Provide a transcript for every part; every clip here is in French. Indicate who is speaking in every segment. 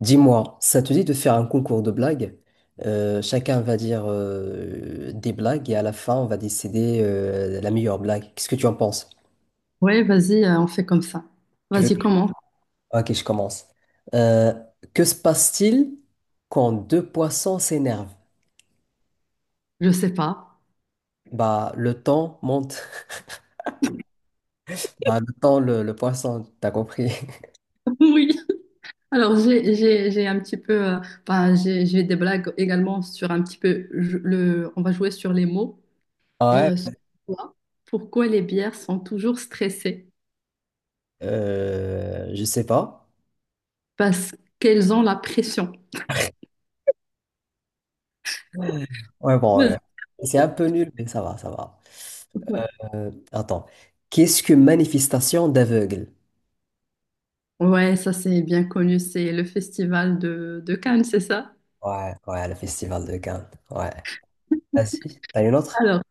Speaker 1: Dis-moi, ça te dit de faire un concours de blagues? Chacun va dire des blagues et à la fin, on va décider la meilleure blague. Qu'est-ce que tu en penses?
Speaker 2: Ouais, vas-y, on fait comme ça.
Speaker 1: Tu veux...
Speaker 2: Vas-y, comment?
Speaker 1: Ok, je commence. Euh, que se passe-t-il quand deux poissons s'énervent?
Speaker 2: Je sais pas.
Speaker 1: Bah, le temps monte. Bah, le temps, le poisson, t'as compris?
Speaker 2: Oui. Alors, j'ai un petit peu, j'ai des blagues également sur un petit peu on va jouer sur les mots et
Speaker 1: Ouais.
Speaker 2: sur quoi- pourquoi les bières sont toujours stressées?
Speaker 1: Je sais pas.
Speaker 2: Parce qu'elles ont la pression.
Speaker 1: Ouais, ouais, bon, ouais,
Speaker 2: Vas-y.
Speaker 1: ouais. C'est un peu nul, mais ça va, ça va.
Speaker 2: Ouais,
Speaker 1: Attends. Qu'est-ce que manifestation d'aveugle?
Speaker 2: ouais, ça c'est bien connu, c'est le festival de Cannes, c'est ça?
Speaker 1: Ouais, ouais, le festival de Cannes. Ouais. Vas-y. T'as une autre?
Speaker 2: Alors,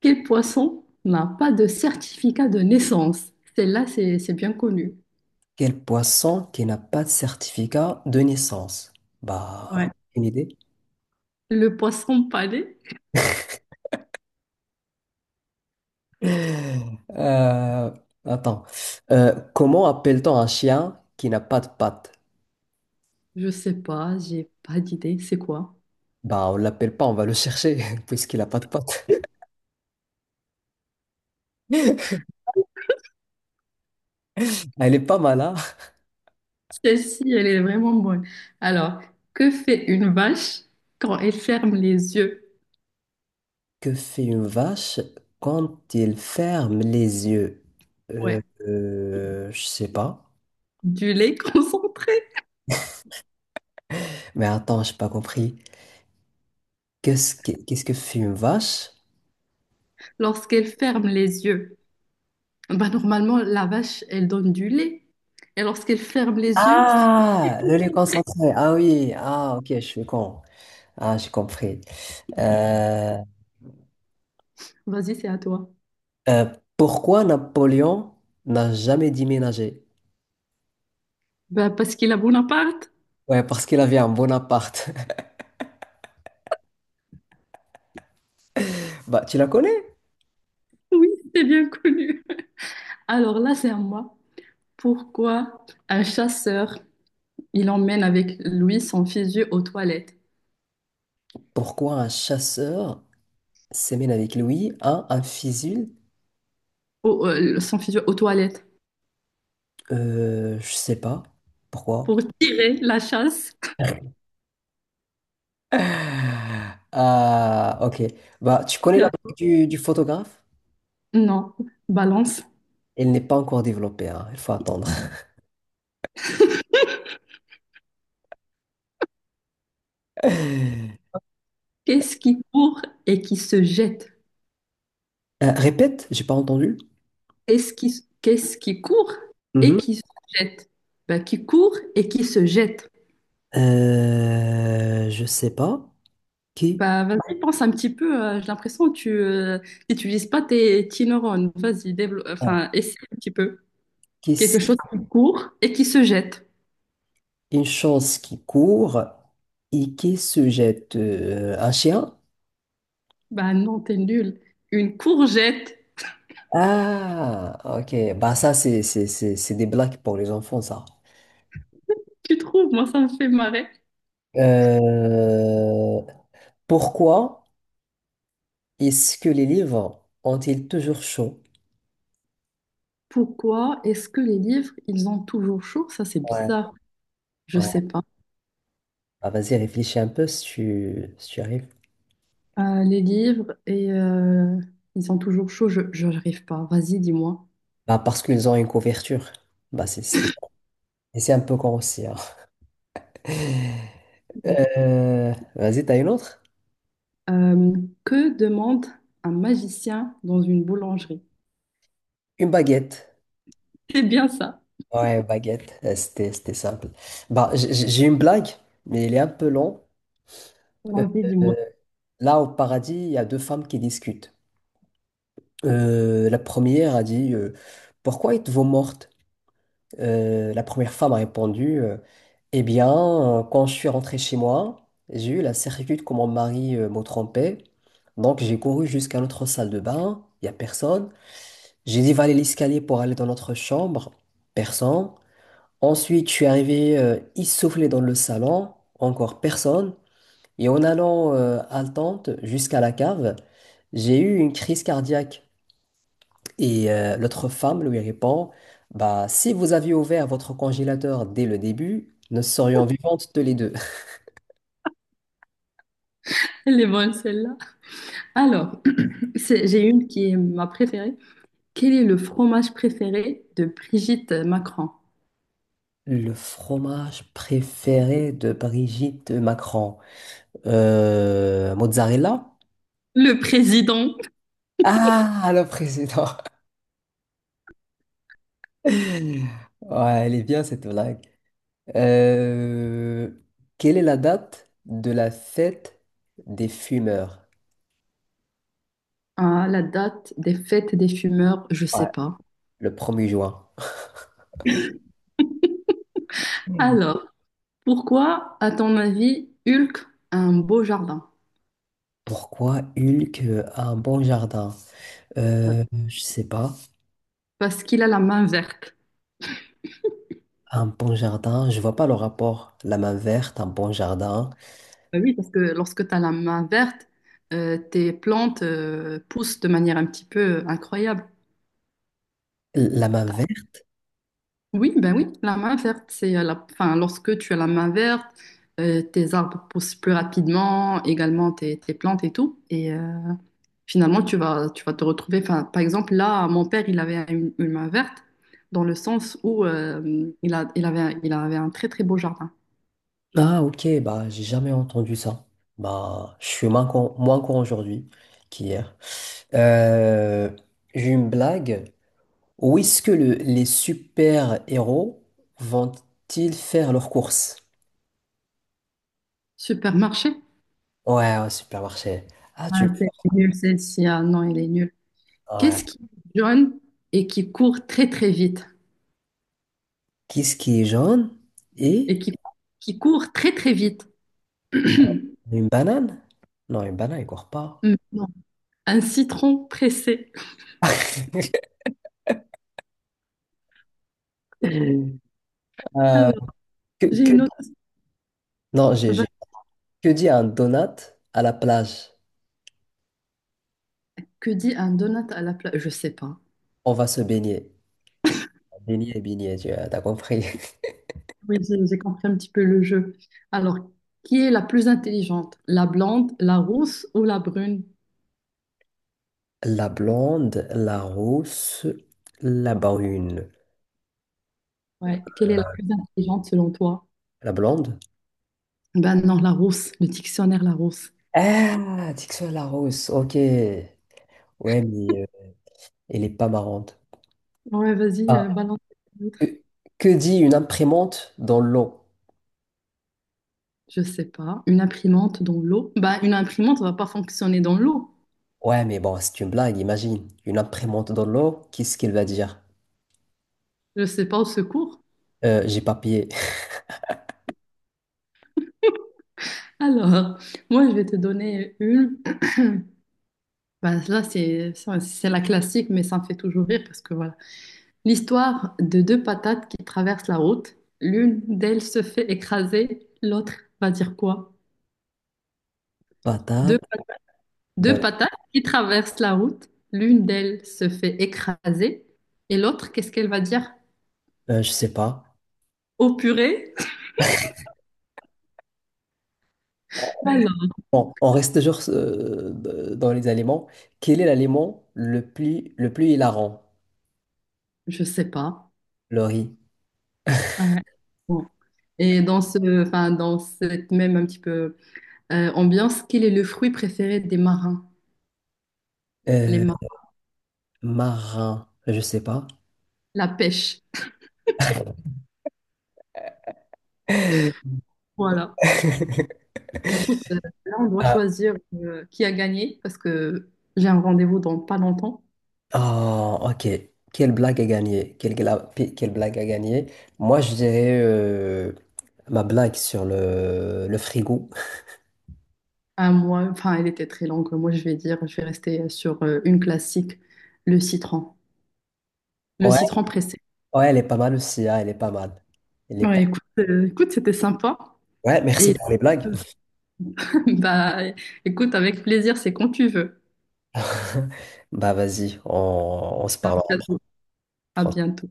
Speaker 2: quel poisson n'a pas de certificat de naissance? Celle-là, c'est bien connu.
Speaker 1: Quel poisson qui n'a pas de certificat de naissance? Bah,
Speaker 2: Ouais.
Speaker 1: une idée?
Speaker 2: Le poisson pané.
Speaker 1: Euh, Attends. Comment appelle-t-on un chien qui n'a pas de pattes?
Speaker 2: Je sais pas, j'ai pas d'idée. C'est quoi?
Speaker 1: Bah, on l'appelle pas, on va le chercher, puisqu'il n'a pas de pattes. Elle est pas mal, hein?
Speaker 2: Celle-ci, elle est vraiment bonne. Alors, que fait une vache quand elle ferme les yeux?
Speaker 1: Que fait une vache quand elle ferme les yeux?
Speaker 2: Ouais.
Speaker 1: Je sais pas.
Speaker 2: Du lait concentré
Speaker 1: Mais attends, j'ai pas compris. Qu'est-ce que fait une vache.
Speaker 2: lorsqu'elle ferme les yeux. Bah, normalement, la vache, elle donne du lait. Et lorsqu'elle ferme les yeux,
Speaker 1: Ah, le lait concentré. Ah oui, ah ok, je suis con. Ah, j'ai compris. Euh,
Speaker 2: vas-y, c'est à toi.
Speaker 1: euh, Pourquoi Napoléon n'a jamais déménagé?
Speaker 2: Bah, parce qu'il a Bonaparte.
Speaker 1: Ouais, parce qu'il avait un bon appart. Bah, tu la connais?
Speaker 2: Oui, c'est bien connu. Alors là, c'est à moi. Pourquoi un chasseur, il emmène avec lui son fusil aux toilettes?
Speaker 1: Pourquoi un chasseur s'emmène avec lui à un fusil?
Speaker 2: Son fusil aux toilettes.
Speaker 1: Je sais pas. Pourquoi?
Speaker 2: Pour tirer la chasse,
Speaker 1: Ah, ok. Bah, tu connais la blague du photographe?
Speaker 2: non, balance.
Speaker 1: Elle n'est pas encore développée, hein. Il faut attendre.
Speaker 2: Qu'est-ce qui court et qui se jette?
Speaker 1: Répète, j'ai pas entendu.
Speaker 2: Qu'est-ce qui court et
Speaker 1: Mhm.
Speaker 2: qui se jette? Bah, qui court et qui se jette.
Speaker 1: Je sais pas. Qui,
Speaker 2: Bah, vas-y, pense un petit peu. J'ai l'impression que tu n'utilises pas tes petits neurones. Vas-y, développe,
Speaker 1: bon,
Speaker 2: enfin, essaie un petit peu.
Speaker 1: qui,
Speaker 2: Quelque
Speaker 1: s-
Speaker 2: chose qui court et qui se jette.
Speaker 1: une chose qui court et qui se jette un chien?
Speaker 2: Bah non, t'es nul. Une courgette.
Speaker 1: Ah, ok. Bah ça, c'est des blagues pour les enfants, ça.
Speaker 2: Tu trouves? Moi, ça me fait marrer.
Speaker 1: Euh, Pourquoi est-ce que les livres ont-ils toujours chaud?
Speaker 2: Pourquoi est-ce que les livres, ils ont toujours chaud? Ça, c'est
Speaker 1: Ouais.
Speaker 2: bizarre. Je
Speaker 1: Ouais.
Speaker 2: sais pas.
Speaker 1: Bah, vas-y, réfléchis un peu si tu arrives.
Speaker 2: Les livres, et ils sont toujours chauds, je n'arrive pas. Vas-y, dis-moi.
Speaker 1: Bah, parce qu'ils ont une couverture. Bah, ça. Et c'est un peu con aussi, hein. Vas-y, t'as une autre?
Speaker 2: Euh, que demande un magicien dans une boulangerie?
Speaker 1: Une baguette.
Speaker 2: C'est bien ça.
Speaker 1: Ouais, baguette. C'était simple. Bah, j'ai une blague, mais elle est un peu longue. Euh,
Speaker 2: Vas-y,
Speaker 1: euh,
Speaker 2: dis-moi.
Speaker 1: Là, au paradis, il y a deux femmes qui discutent. La première a dit pourquoi êtes-vous morte? La première femme a répondu, eh bien, quand je suis rentrée chez moi, j'ai eu la certitude que mon mari me trompait. Donc, j'ai couru jusqu'à notre salle de bain. Il n'y a personne. J'ai dévalé l'escalier pour aller dans notre chambre. Personne. Ensuite, je suis arrivé essoufflé dans le salon, encore personne. Et en allant haletante jusqu'à la cave, j'ai eu une crise cardiaque. Et l'autre femme lui répond, bah, si vous aviez ouvert votre congélateur dès le début, nous serions vivantes tous les deux.
Speaker 2: Elle est bonne, celle-là. Alors, j'ai une qui est ma préférée. Quel est le fromage préféré de Brigitte Macron?
Speaker 1: Le fromage préféré de Brigitte Macron. Mozzarella?
Speaker 2: Le président.
Speaker 1: Ah, le président. Ouais, elle est bien cette blague. Euh, Quelle est la date de la fête des fumeurs?
Speaker 2: Ah, la date des fêtes des fumeurs, je
Speaker 1: Ouais.
Speaker 2: sais pas.
Speaker 1: Le premier juin. Hmm.
Speaker 2: Alors, pourquoi, à ton avis, Hulk a un beau jardin?
Speaker 1: Pourquoi Hulk a un bon jardin? Je sais pas.
Speaker 2: Parce qu'il a la main verte.
Speaker 1: Un bon jardin, je vois pas le rapport. La main verte, un bon jardin.
Speaker 2: Bah oui, parce que lorsque tu as la main verte, tes plantes poussent de manière un petit peu incroyable.
Speaker 1: La main verte?
Speaker 2: Oui, ben oui, la main verte, c'est la... Enfin, lorsque tu as la main verte, tes arbres poussent plus rapidement, également tes plantes et tout. Et finalement, tu vas te retrouver... Enfin, par exemple, là, mon père, il avait une main verte dans le sens où il avait un très, très beau jardin.
Speaker 1: Ah, ok, bah, j'ai jamais entendu ça. Bah, je suis moins con aujourd'hui qu'hier. Euh, j'ai une blague. Où est-ce que les super-héros vont-ils faire leurs courses?
Speaker 2: Supermarché?
Speaker 1: Ouais, au supermarché. Ah, tu...
Speaker 2: Ah, c'est nul celle-ci. Ah non, elle est nulle.
Speaker 1: Ouais.
Speaker 2: Qu'est-ce qui est jaune et qui court très très vite?
Speaker 1: Qu'est-ce qui est jaune
Speaker 2: Et
Speaker 1: et
Speaker 2: qui court très très vite.
Speaker 1: une banane? Non, une banane, il court pas.
Speaker 2: Non. Un citron pressé.
Speaker 1: Euh,
Speaker 2: Alors,
Speaker 1: que,
Speaker 2: j'ai une
Speaker 1: que-
Speaker 2: autre.
Speaker 1: Non,
Speaker 2: Vague.
Speaker 1: que dit un donut à la plage?
Speaker 2: Que dit un donut à la place? Je sais pas.
Speaker 1: On va se baigner. Baigner, baigner, tu as t'as compris.
Speaker 2: Oui, j'ai compris un petit peu le jeu. Alors, qui est la plus intelligente? La blonde, la rousse ou la brune?
Speaker 1: La blonde, la rousse, la brune.
Speaker 2: Ouais, quelle est la plus intelligente selon toi?
Speaker 1: La blonde?
Speaker 2: Ben non, la rousse, le dictionnaire la rousse.
Speaker 1: Ah, Dixon la rousse, ok. Ouais, mais elle est pas marrante.
Speaker 2: Ouais, vas-y,
Speaker 1: Ah,
Speaker 2: balance.
Speaker 1: que, que dit une imprimante dans l'eau?
Speaker 2: Je sais pas. Une imprimante dans l'eau? Bah, une imprimante va pas fonctionner dans l'eau.
Speaker 1: Ouais, mais bon, c'est une blague, imagine. Une imprimante dans l'eau, qu'est-ce qu'elle va dire?
Speaker 2: Je sais pas, au secours.
Speaker 1: J'ai papier,
Speaker 2: Alors, moi, je vais te donner une. Bah, là, c'est ça, c'est la classique, mais ça me fait toujours rire parce que voilà. L'histoire de deux patates qui traversent la route. L'une d'elles se fait écraser, l'autre va dire quoi? Deux,
Speaker 1: patate,
Speaker 2: deux
Speaker 1: de-
Speaker 2: patates qui traversent la route. L'une d'elles se fait écraser et l'autre, qu'est-ce qu'elle va dire?
Speaker 1: je sais pas.
Speaker 2: Au purée? Alors,
Speaker 1: Bon, on reste toujours dans les aliments. Quel est l'aliment le plus hilarant?
Speaker 2: je sais pas.
Speaker 1: Le riz.
Speaker 2: Ouais. Bon. Et dans ce, enfin, dans cette même un petit peu ambiance, quel est le fruit préféré des marins? Les
Speaker 1: Euh,
Speaker 2: marins,
Speaker 1: Marin, je sais pas.
Speaker 2: la pêche. Voilà. Écoute, là, on doit choisir qui a gagné parce que j'ai un rendez-vous dans pas longtemps.
Speaker 1: Ah, ok. Quelle blague a gagné? Quelle blague a gagné? Moi, je dirais ma blague sur le frigo.
Speaker 2: Un mois, enfin, elle était très longue. Moi, je vais dire, je vais rester sur une classique, le citron. Le
Speaker 1: Ouais,
Speaker 2: citron pressé.
Speaker 1: ouais, elle est pas mal aussi, hein, elle est pas mal. Elle est pas...
Speaker 2: Ouais, écoute, écoute, c'était sympa.
Speaker 1: Ouais, merci
Speaker 2: Et
Speaker 1: pour les blagues.
Speaker 2: bah, écoute, avec plaisir, c'est quand tu veux.
Speaker 1: Bah vas-y, on se
Speaker 2: À
Speaker 1: parle
Speaker 2: bientôt. À
Speaker 1: après.
Speaker 2: bientôt.